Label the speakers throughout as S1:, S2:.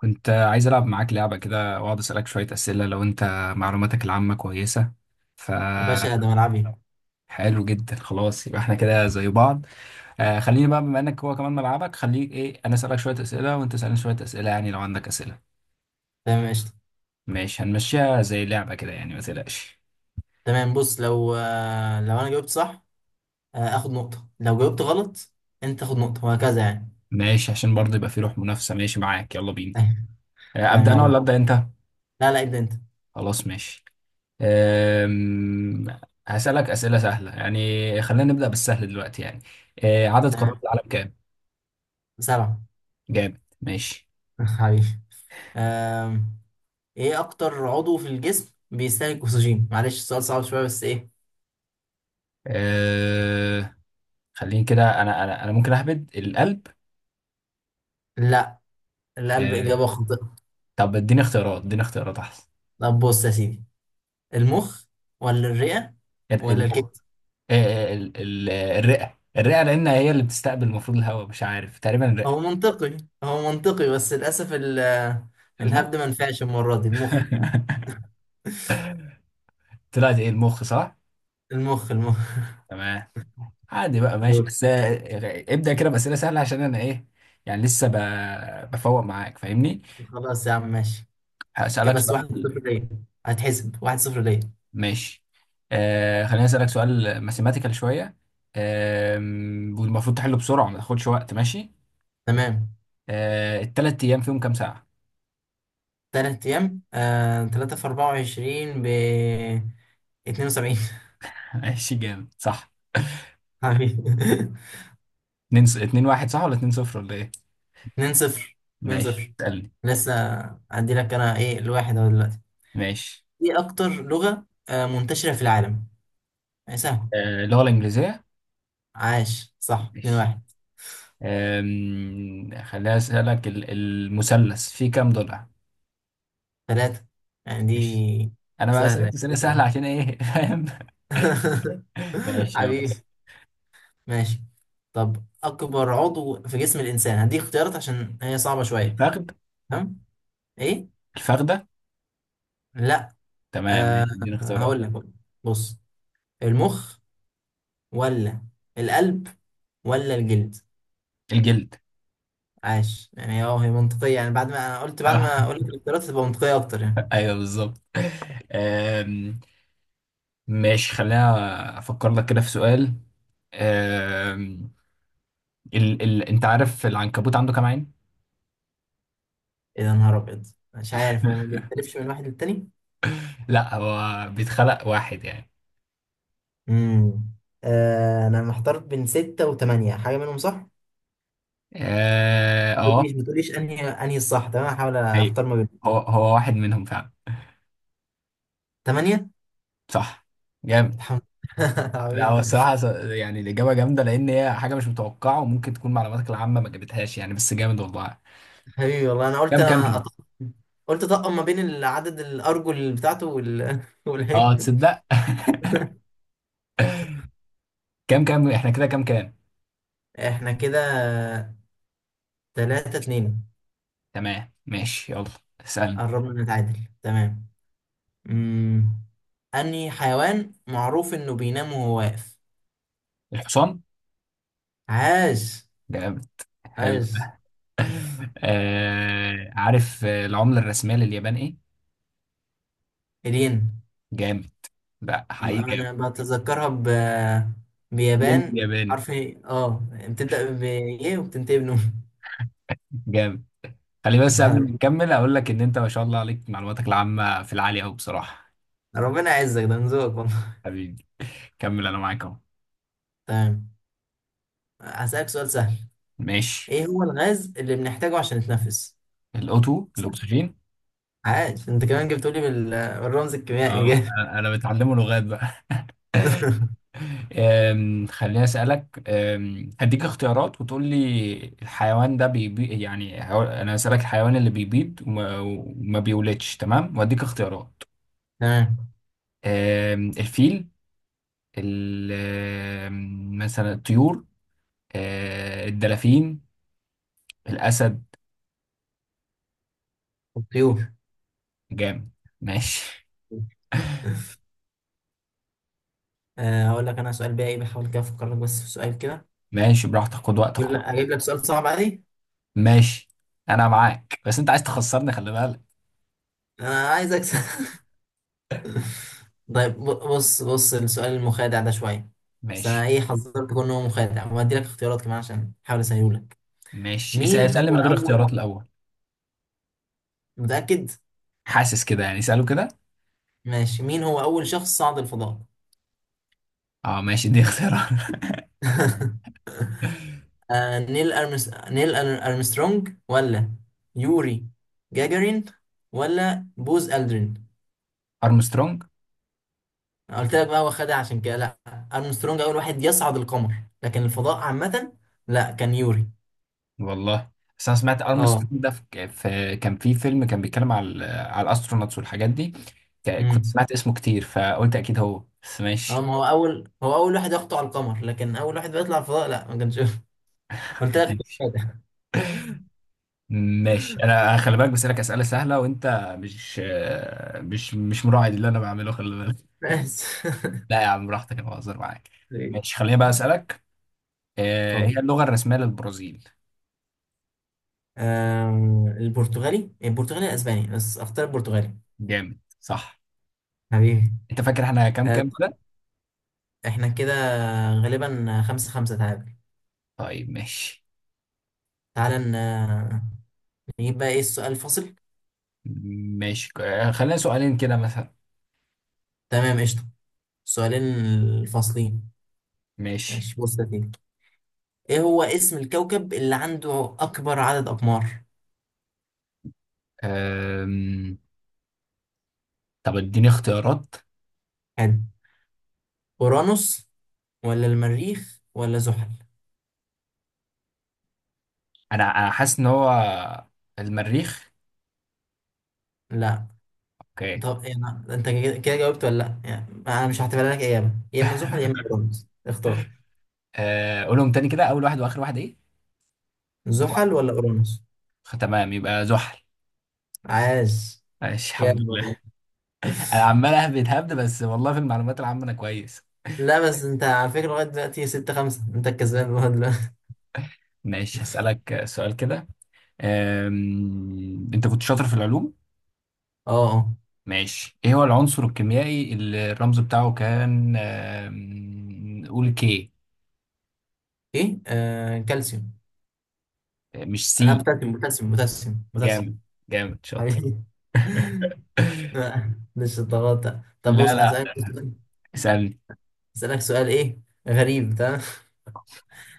S1: كنت عايز ألعب معاك لعبة كده وأقعد أسألك شوية أسئلة لو أنت معلوماتك العامة كويسة. ف
S2: يا باشا، ده ملعبي.
S1: حلو جدا. خلاص، يبقى احنا كده زي بعض. خليني بقى، بما انك هو كمان ملعبك، خليك ايه، انا اسالك شويه اسئله وانت اسالني شويه اسئله، يعني لو عندك اسئله.
S2: تمام، قشطة.
S1: ماشي، هنمشيها زي لعبه كده، يعني ما تقلقش.
S2: تمام، بص. لو انا جاوبت صح، اخد نقطة. لو جاوبت غلط، انت تاخد نقطة وهكذا يعني.
S1: ماشي، عشان برضه يبقى في روح منافسه. ماشي معاك، يلا بينا.
S2: أيوة، تمام
S1: ابدا انا؟
S2: يلا.
S1: ولا خلاص، ابدا انت.
S2: لا لا، ابدا انت.
S1: خلاص ماشي. آم، هسالك اسئله سهله، يعني خلينا نبدا بالسهل دلوقتي يعني. عدد قارات
S2: تمام.
S1: العالم كام؟
S2: سبعة.
S1: جامد، ماشي.
S2: حبيبي. آم، ايه اكتر عضو في الجسم بيستهلك اكسجين؟ معلش السؤال صعب شوية بس ايه.
S1: آه... خليني كده، انا ممكن اهبد القلب.
S2: لا، القلب
S1: آه...
S2: اجابة خاطئة.
S1: طب اديني اختيارات، اديني اختيارات احسن.
S2: طب بص يا سيدي، المخ ولا الرئة ولا
S1: المخ.
S2: الكبد؟
S1: الرئة لان هي اللي بتستقبل المفروض الهواء، مش عارف، تقريبا الرئة.
S2: هو منطقي، هو منطقي بس للاسف.
S1: المخ.
S2: الهبد ما نفعش المرة دي. المخ.
S1: طلعت ايه؟ المخ صح.
S2: المخ، المخ.
S1: تمام. عادي بقى، ماشي،
S2: دور.
S1: بس ابدأ كده بأسئلة سهلة عشان انا ايه، يعني لسه بفوق معاك، فاهمني.
S2: خلاص يا عم ماشي.
S1: هسألك
S2: بس واحد
S1: سؤال.
S2: صفر ليا. هتحسب واحد صفر ليا.
S1: ماشي، خليني اسالك سؤال ماثيماتيكال شويه. آه والمفروض تحله بسرعه، ما تاخدش وقت، ماشي.
S2: تمام.
S1: الثلاث ايام فيهم كام ساعه؟
S2: تلات أيام، تلاتة في 24 ب 72.
S1: ماشي، جامد، صح.
S2: حبيبي.
S1: 2 2 1 صح ولا 2 0 ولا ايه؟
S2: اتنين صفر، اتنين
S1: ماشي،
S2: صفر.
S1: اسالني.
S2: لسه. أدي لك أنا إيه الواحد أهو دلوقتي.
S1: ماشي،
S2: إيه أكتر لغة منتشرة في العالم؟ يعني سهل.
S1: اللغه الانجليزيه.
S2: عاش، صح. اتنين
S1: ماشي.
S2: واحد.
S1: خليني اسالك، المثلث فيه كام ضلع؟
S2: تلاتة، يعني
S1: ماشي،
S2: دي
S1: انا بقى
S2: سهلة.
S1: سالت سنه سهله عشان ايه؟ فاهم. ماشي يلا.
S2: حبيبي، ماشي. طب اكبر عضو في جسم الانسان، هديك اختيارات عشان هي صعبه شويه.
S1: الفخذ.
S2: تمام. ايه؟
S1: الفخده.
S2: لا.
S1: تمام،
S2: أه،
S1: ماشي، اديني اختيارات.
S2: هقول لك. بص، المخ، ولا القلب، ولا الجلد؟
S1: الجلد.
S2: عاش. يعني هي منطقيه يعني، بعد ما اقول لك الاختيارات هتبقى منطقيه اكتر يعني.
S1: ايوه بالظبط. أم، ماشي، خلينا افكر لك كده في سؤال. أم، انت عارف العنكبوت عنده كام عين؟
S2: ايه ده، نهار ابيض. مش عارف، هو ما بيختلفش من واحد للتاني.
S1: لا، هو بيتخلق واحد يعني.
S2: امم انا محتار بين ستة وثمانية، حاجه منهم صح.
S1: اه
S2: ما
S1: آه،
S2: تقوليش، ما تقوليش انهي الصح. تمام، هحاول
S1: ايوه،
S2: اختار ما بين.
S1: هو هو واحد منهم فعلا.
S2: ثمانية.
S1: صح، جامد.
S2: الحمد لله.
S1: لا، هو
S2: عظيم.
S1: الصراحة يعني الإجابة جامدة لأن هي حاجة مش متوقعة وممكن تكون معلوماتك العامة ما جابتهاش يعني، بس جامد والله.
S2: هي والله انا قلت،
S1: كام كام كده؟
S2: قلت طقم ما بين العدد الارجل بتاعته
S1: اه،
S2: والعيب.
S1: تصدق. كام كام احنا كده؟ كام كام؟
S2: احنا كده تلاتة اتنين.
S1: تمام، ماشي، يلا، اسألني.
S2: قربنا نتعادل. تمام. امم انهي حيوان معروف انه بينام وهو واقف؟
S1: الحصان.
S2: عاش،
S1: جامد، حلو
S2: عاش.
S1: ده. عارف، العملة الرسمية لليابان ايه؟
S2: الين.
S1: جامد، لا حقيقي جامد.
S2: انا بتذكرها
S1: ين
S2: بيابان.
S1: الياباني.
S2: حرف ايه، بتبدأ ب ايه وبتنتهي بنون.
S1: جامد. خلي بس قبل ما نكمل اقول لك ان انت ما شاء الله عليك معلوماتك العامة في العالي قوي بصراحة.
S2: ربنا يعزك، ده من ذوقك والله.
S1: حبيبي، كمل، انا معاك اهو.
S2: تمام، هسألك سؤال سهل.
S1: ماشي،
S2: ايه هو الغاز اللي بنحتاجه عشان نتنفس؟ سهل.
S1: الاكسجين.
S2: عاش، انت كمان جبت لي بالرمز الكيميائي،
S1: اه،
S2: جامد.
S1: أنا متعلمه لغات بقى. خليني أسألك. هديك اختيارات وتقول لي. الحيوان ده بيبي يعني أنا هسألك الحيوان اللي بيبيض وما بيولدش. تمام، وأديك اختيارات.
S2: تمام.
S1: الفيل، ال- مثلا الطيور، الدلافين، الأسد.
S2: الطيور.
S1: جامد، ماشي.
S2: هقول لك انا سؤال بقى ايه، بحاول كده افكر لك بس في سؤال كده.
S1: ماشي براحتك، خد وقتك
S2: اجيب لك
S1: خالص.
S2: أجيب لك سؤال صعب عادي.
S1: ماشي، أنا معاك، بس أنت عايز تخسرني، خلي بالك.
S2: انا عايز اكسب. طيب، بص بص، السؤال المخادع ده شويه. بس انا
S1: ماشي.
S2: ايه حذرت كون هو مخادع، وهدي لك اختيارات كمان عشان احاول اسهله لك.
S1: ماشي،
S2: مين
S1: اسألني
S2: هو
S1: من غير
S2: اول.
S1: اختيارات الأول.
S2: متاكد؟
S1: حاسس كده، يعني اسأله كده.
S2: ماشي، مين هو اول شخص صعد الفضاء؟
S1: اه ماشي، دي اختيار.
S2: نيل أرمس... نيل أر- أرمسترونج، ولا يوري جاجارين، ولا بوز ألدرين؟
S1: ارمسترونج.
S2: أنا قلت لك بقى، هو خدها عشان كده لا. أرمسترونج أول واحد يصعد القمر، لكن الفضاء عامة لا، كان يوري.
S1: والله، بس انا سمعت
S2: اه
S1: ارمسترونج ده في كان في فيلم كان بيتكلم على على الاسترونوتس والحاجات دي، كنت
S2: امم
S1: سمعت اسمه كتير فقلت اكيد هو، بس
S2: اه
S1: ماشي.
S2: ما هو أول واحد يخطو على القمر، لكن أول واحد بيطلع الفضاء لا، ما كانش. قلت لك
S1: ماشي.
S2: خدها.
S1: ماشي، انا خلي بالك بسألك اسئله سهله وانت مش مش مراعي اللي انا بعمله، خلي بالك.
S2: بس.
S1: لا يا عم، براحتك، انا بهزر معاك. ماشي، خليني بقى اسالك.
S2: اتفضل.
S1: هي اللغه الرسميه للبرازيل.
S2: البرتغالي، البرتغالي الأسباني، بس أختار البرتغالي.
S1: جامد، صح.
S2: حبيبي.
S1: انت فاكر احنا كام
S2: آه،
S1: كام ده؟
S2: احنا كده غالبا خمسة خمسة تعادل.
S1: طيب، ماشي.
S2: تعالى نجيب بقى ايه السؤال الفاصل.
S1: ماشي، خلينا سؤالين كده مثلا.
S2: تمام قشطة، السؤالين الفاصلين.
S1: ماشي.
S2: ماشي، بص يا سيدي. ايه هو اسم الكوكب اللي عنده اكبر عدد اقمار؟
S1: أم... طب اديني اختيارات.
S2: حلو. اورانوس، ولا المريخ، ولا زحل؟
S1: انا حاسس ان هو المريخ.
S2: لا.
S1: اوكي.
S2: طب إيه، انت كده كده جاوبت ولا لا، يعني انا مش هعتبرها لك اجابة. يا اما زحل يا اما اورانوس، اختار.
S1: قولهم تاني كده، اول واحد واخر واحد ايه؟
S2: زحل ولا اورانوس؟
S1: تمام، يبقى زحل.
S2: عاش.
S1: ماشي، الحمد
S2: جامد
S1: لله.
S2: والله.
S1: انا عمال اهبد هبد بس، والله في المعلومات العامة انا كويس.
S2: لا بس انت على فكرة، لغاية دلوقتي ستة خمسة انت الكسبان لغاية.
S1: ماشي، هسألك سؤال كده. انت كنت شاطر في العلوم.
S2: اه، اه.
S1: ماشي، ايه هو العنصر الكيميائي اللي الرمز بتاعه كان، قول كي،
S2: ايه، كالسيوم.
S1: مش
S2: انا
S1: سي.
S2: بوتاسيوم، بوتاسيوم، بوتاسيوم،
S1: جامد،
S2: بوتاسيوم.
S1: جامد، شاطر.
S2: حبيبي. لا، مش الضغط ده. طب
S1: لا،
S2: بص
S1: لا،
S2: اسالك سؤال.
S1: اسألني.
S2: ايه غريب. تمام.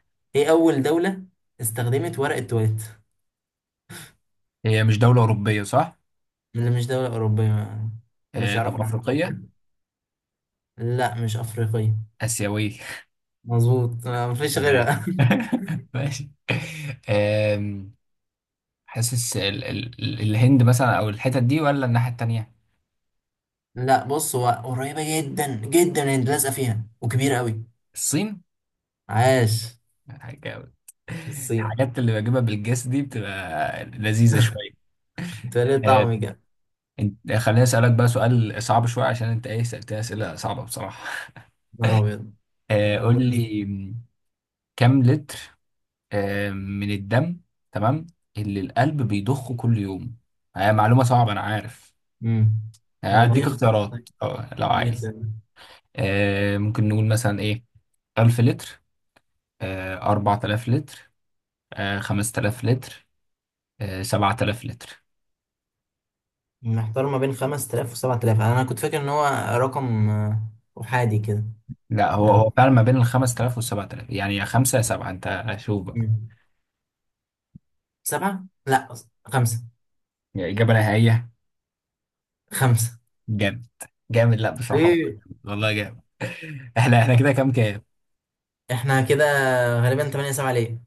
S2: ايه اول دولة استخدمت ورق التواليت؟
S1: هي مش دولة أوروبية صح؟
S2: اللي مش دولة أوروبية، ما كانوش يعرفوا
S1: طب
S2: العالم.
S1: أفريقية؟
S2: لا، مش أفريقية.
S1: آسيوية.
S2: مظبوط، مفيش
S1: تمام.
S2: غيرها.
S1: ماشي. آم، حاسس الهند مثلا أو الحتت دي، ولا الناحية التانية؟
S2: لا بص، هو قريبة جدا جدا، انت لازقة فيها وكبيرة قوي.
S1: الصين؟
S2: عاش.
S1: جامد.
S2: الصين.
S1: الحاجات اللي بجيبها بالجس دي بتبقى لذيذة شوية.
S2: انت ليه
S1: آم،
S2: طعمي كده.
S1: خليني أسألك بقى سؤال صعب شوية عشان أنت إيه، سألتني أسئلة صعبة بصراحة.
S2: نهار أبيض.
S1: قول
S2: ربنا.
S1: لي، كم لتر من الدم، تمام، اللي القلب بيضخه كل يوم. هي معلومة صعبة أنا عارف.
S2: امم طب اديني
S1: هديك طيب
S2: اختيار.
S1: اختيارات،
S2: طيب
S1: لو
S2: اديني
S1: عايز.
S2: اختيار.
S1: ممكن نقول مثلا إيه، 1000 لتر، 4000 لتر، 5000 لتر، 7000 لتر.
S2: محتار ما بين 5000 و7000. انا كنت فاكر ان هو رقم احادي كده.
S1: لا، هو
S2: آه،
S1: هو فعلا ما بين ال 5000 وال 7000، يعني يا 5 يا 7، أنت شوف بقى.
S2: مم. سبعة لا، خمسة.
S1: يعني إجابة نهائية.
S2: خمسة.
S1: جامد، جامد، لا بصراحة.
S2: ليه؟
S1: والله جامد. احنا كده كام كام؟
S2: احنا كده غالبا 8-7 ليه.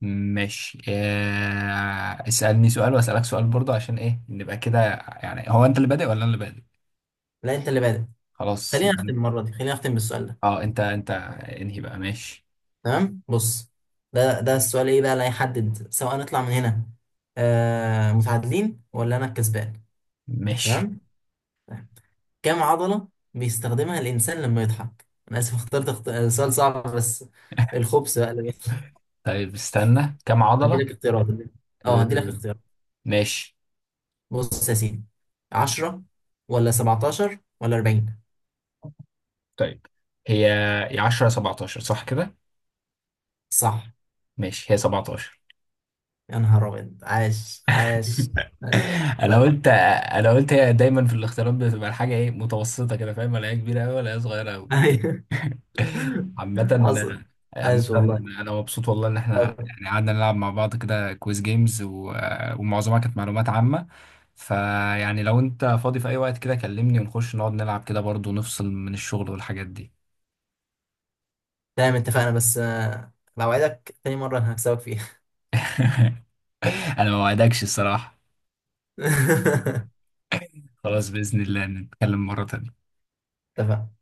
S1: ماشي، اسألني سؤال واسألك سؤال برضه عشان ايه نبقى كده، يعني هو انت اللي بادئ ولا انا اللي بادئ؟
S2: لا، انت اللي بادئ.
S1: خلاص،
S2: خلينا
S1: يبقى
S2: نختم المرة دي، خلينا نختم بالسؤال ده.
S1: اه انت انهي بقى. ماشي.
S2: تمام بص، ده السؤال ايه بقى اللي هيحدد سواء نطلع من هنا متعادلين ولا انا الكسبان.
S1: ماشي،
S2: تمام. كام عضلة بيستخدمها الإنسان لما يضحك؟ أنا آسف، اخترت سؤال صعب بس الخبز بقى اللي بيحصل.
S1: طيب، استنى، كم عضلة؟
S2: هديلك اختيارات. هديلك
S1: آه،
S2: اختيارات.
S1: ماشي،
S2: بص يا سيدي، 10 ولا 17 ولا 40؟
S1: طيب. هي هي 10 17 صح كده؟
S2: صح.
S1: ماشي، هي 17.
S2: يا نهار أبيض، عاش، عاش. عاش.
S1: انا
S2: طيب،
S1: قلت انا قلت هي دايما في الاختيارات بتبقى الحاجة ايه، متوسطة كده، فاهم، ولا هي كبيرة قوي ولا هي صغيرة قوي.
S2: أيوه.
S1: عامة،
S2: حصل.
S1: عامة.
S2: عاش والله.
S1: أنا مبسوط والله إن إحنا
S2: طيب.
S1: يعني قعدنا نلعب مع بعض كده كويز جيمز و... ومعظمها كانت معلومات عامة، فيعني لو أنت فاضي في أي وقت كده كلمني ونخش نقعد نلعب كده برضه، نفصل من الشغل والحاجات دي.
S2: تمام، اتفقنا. بس لو عايزك تاني مرة هكسبك فيها.
S1: أنا ما وعدكش الصراحة. خلاص، بإذن الله نتكلم مرة تانية.
S2: اتفقنا.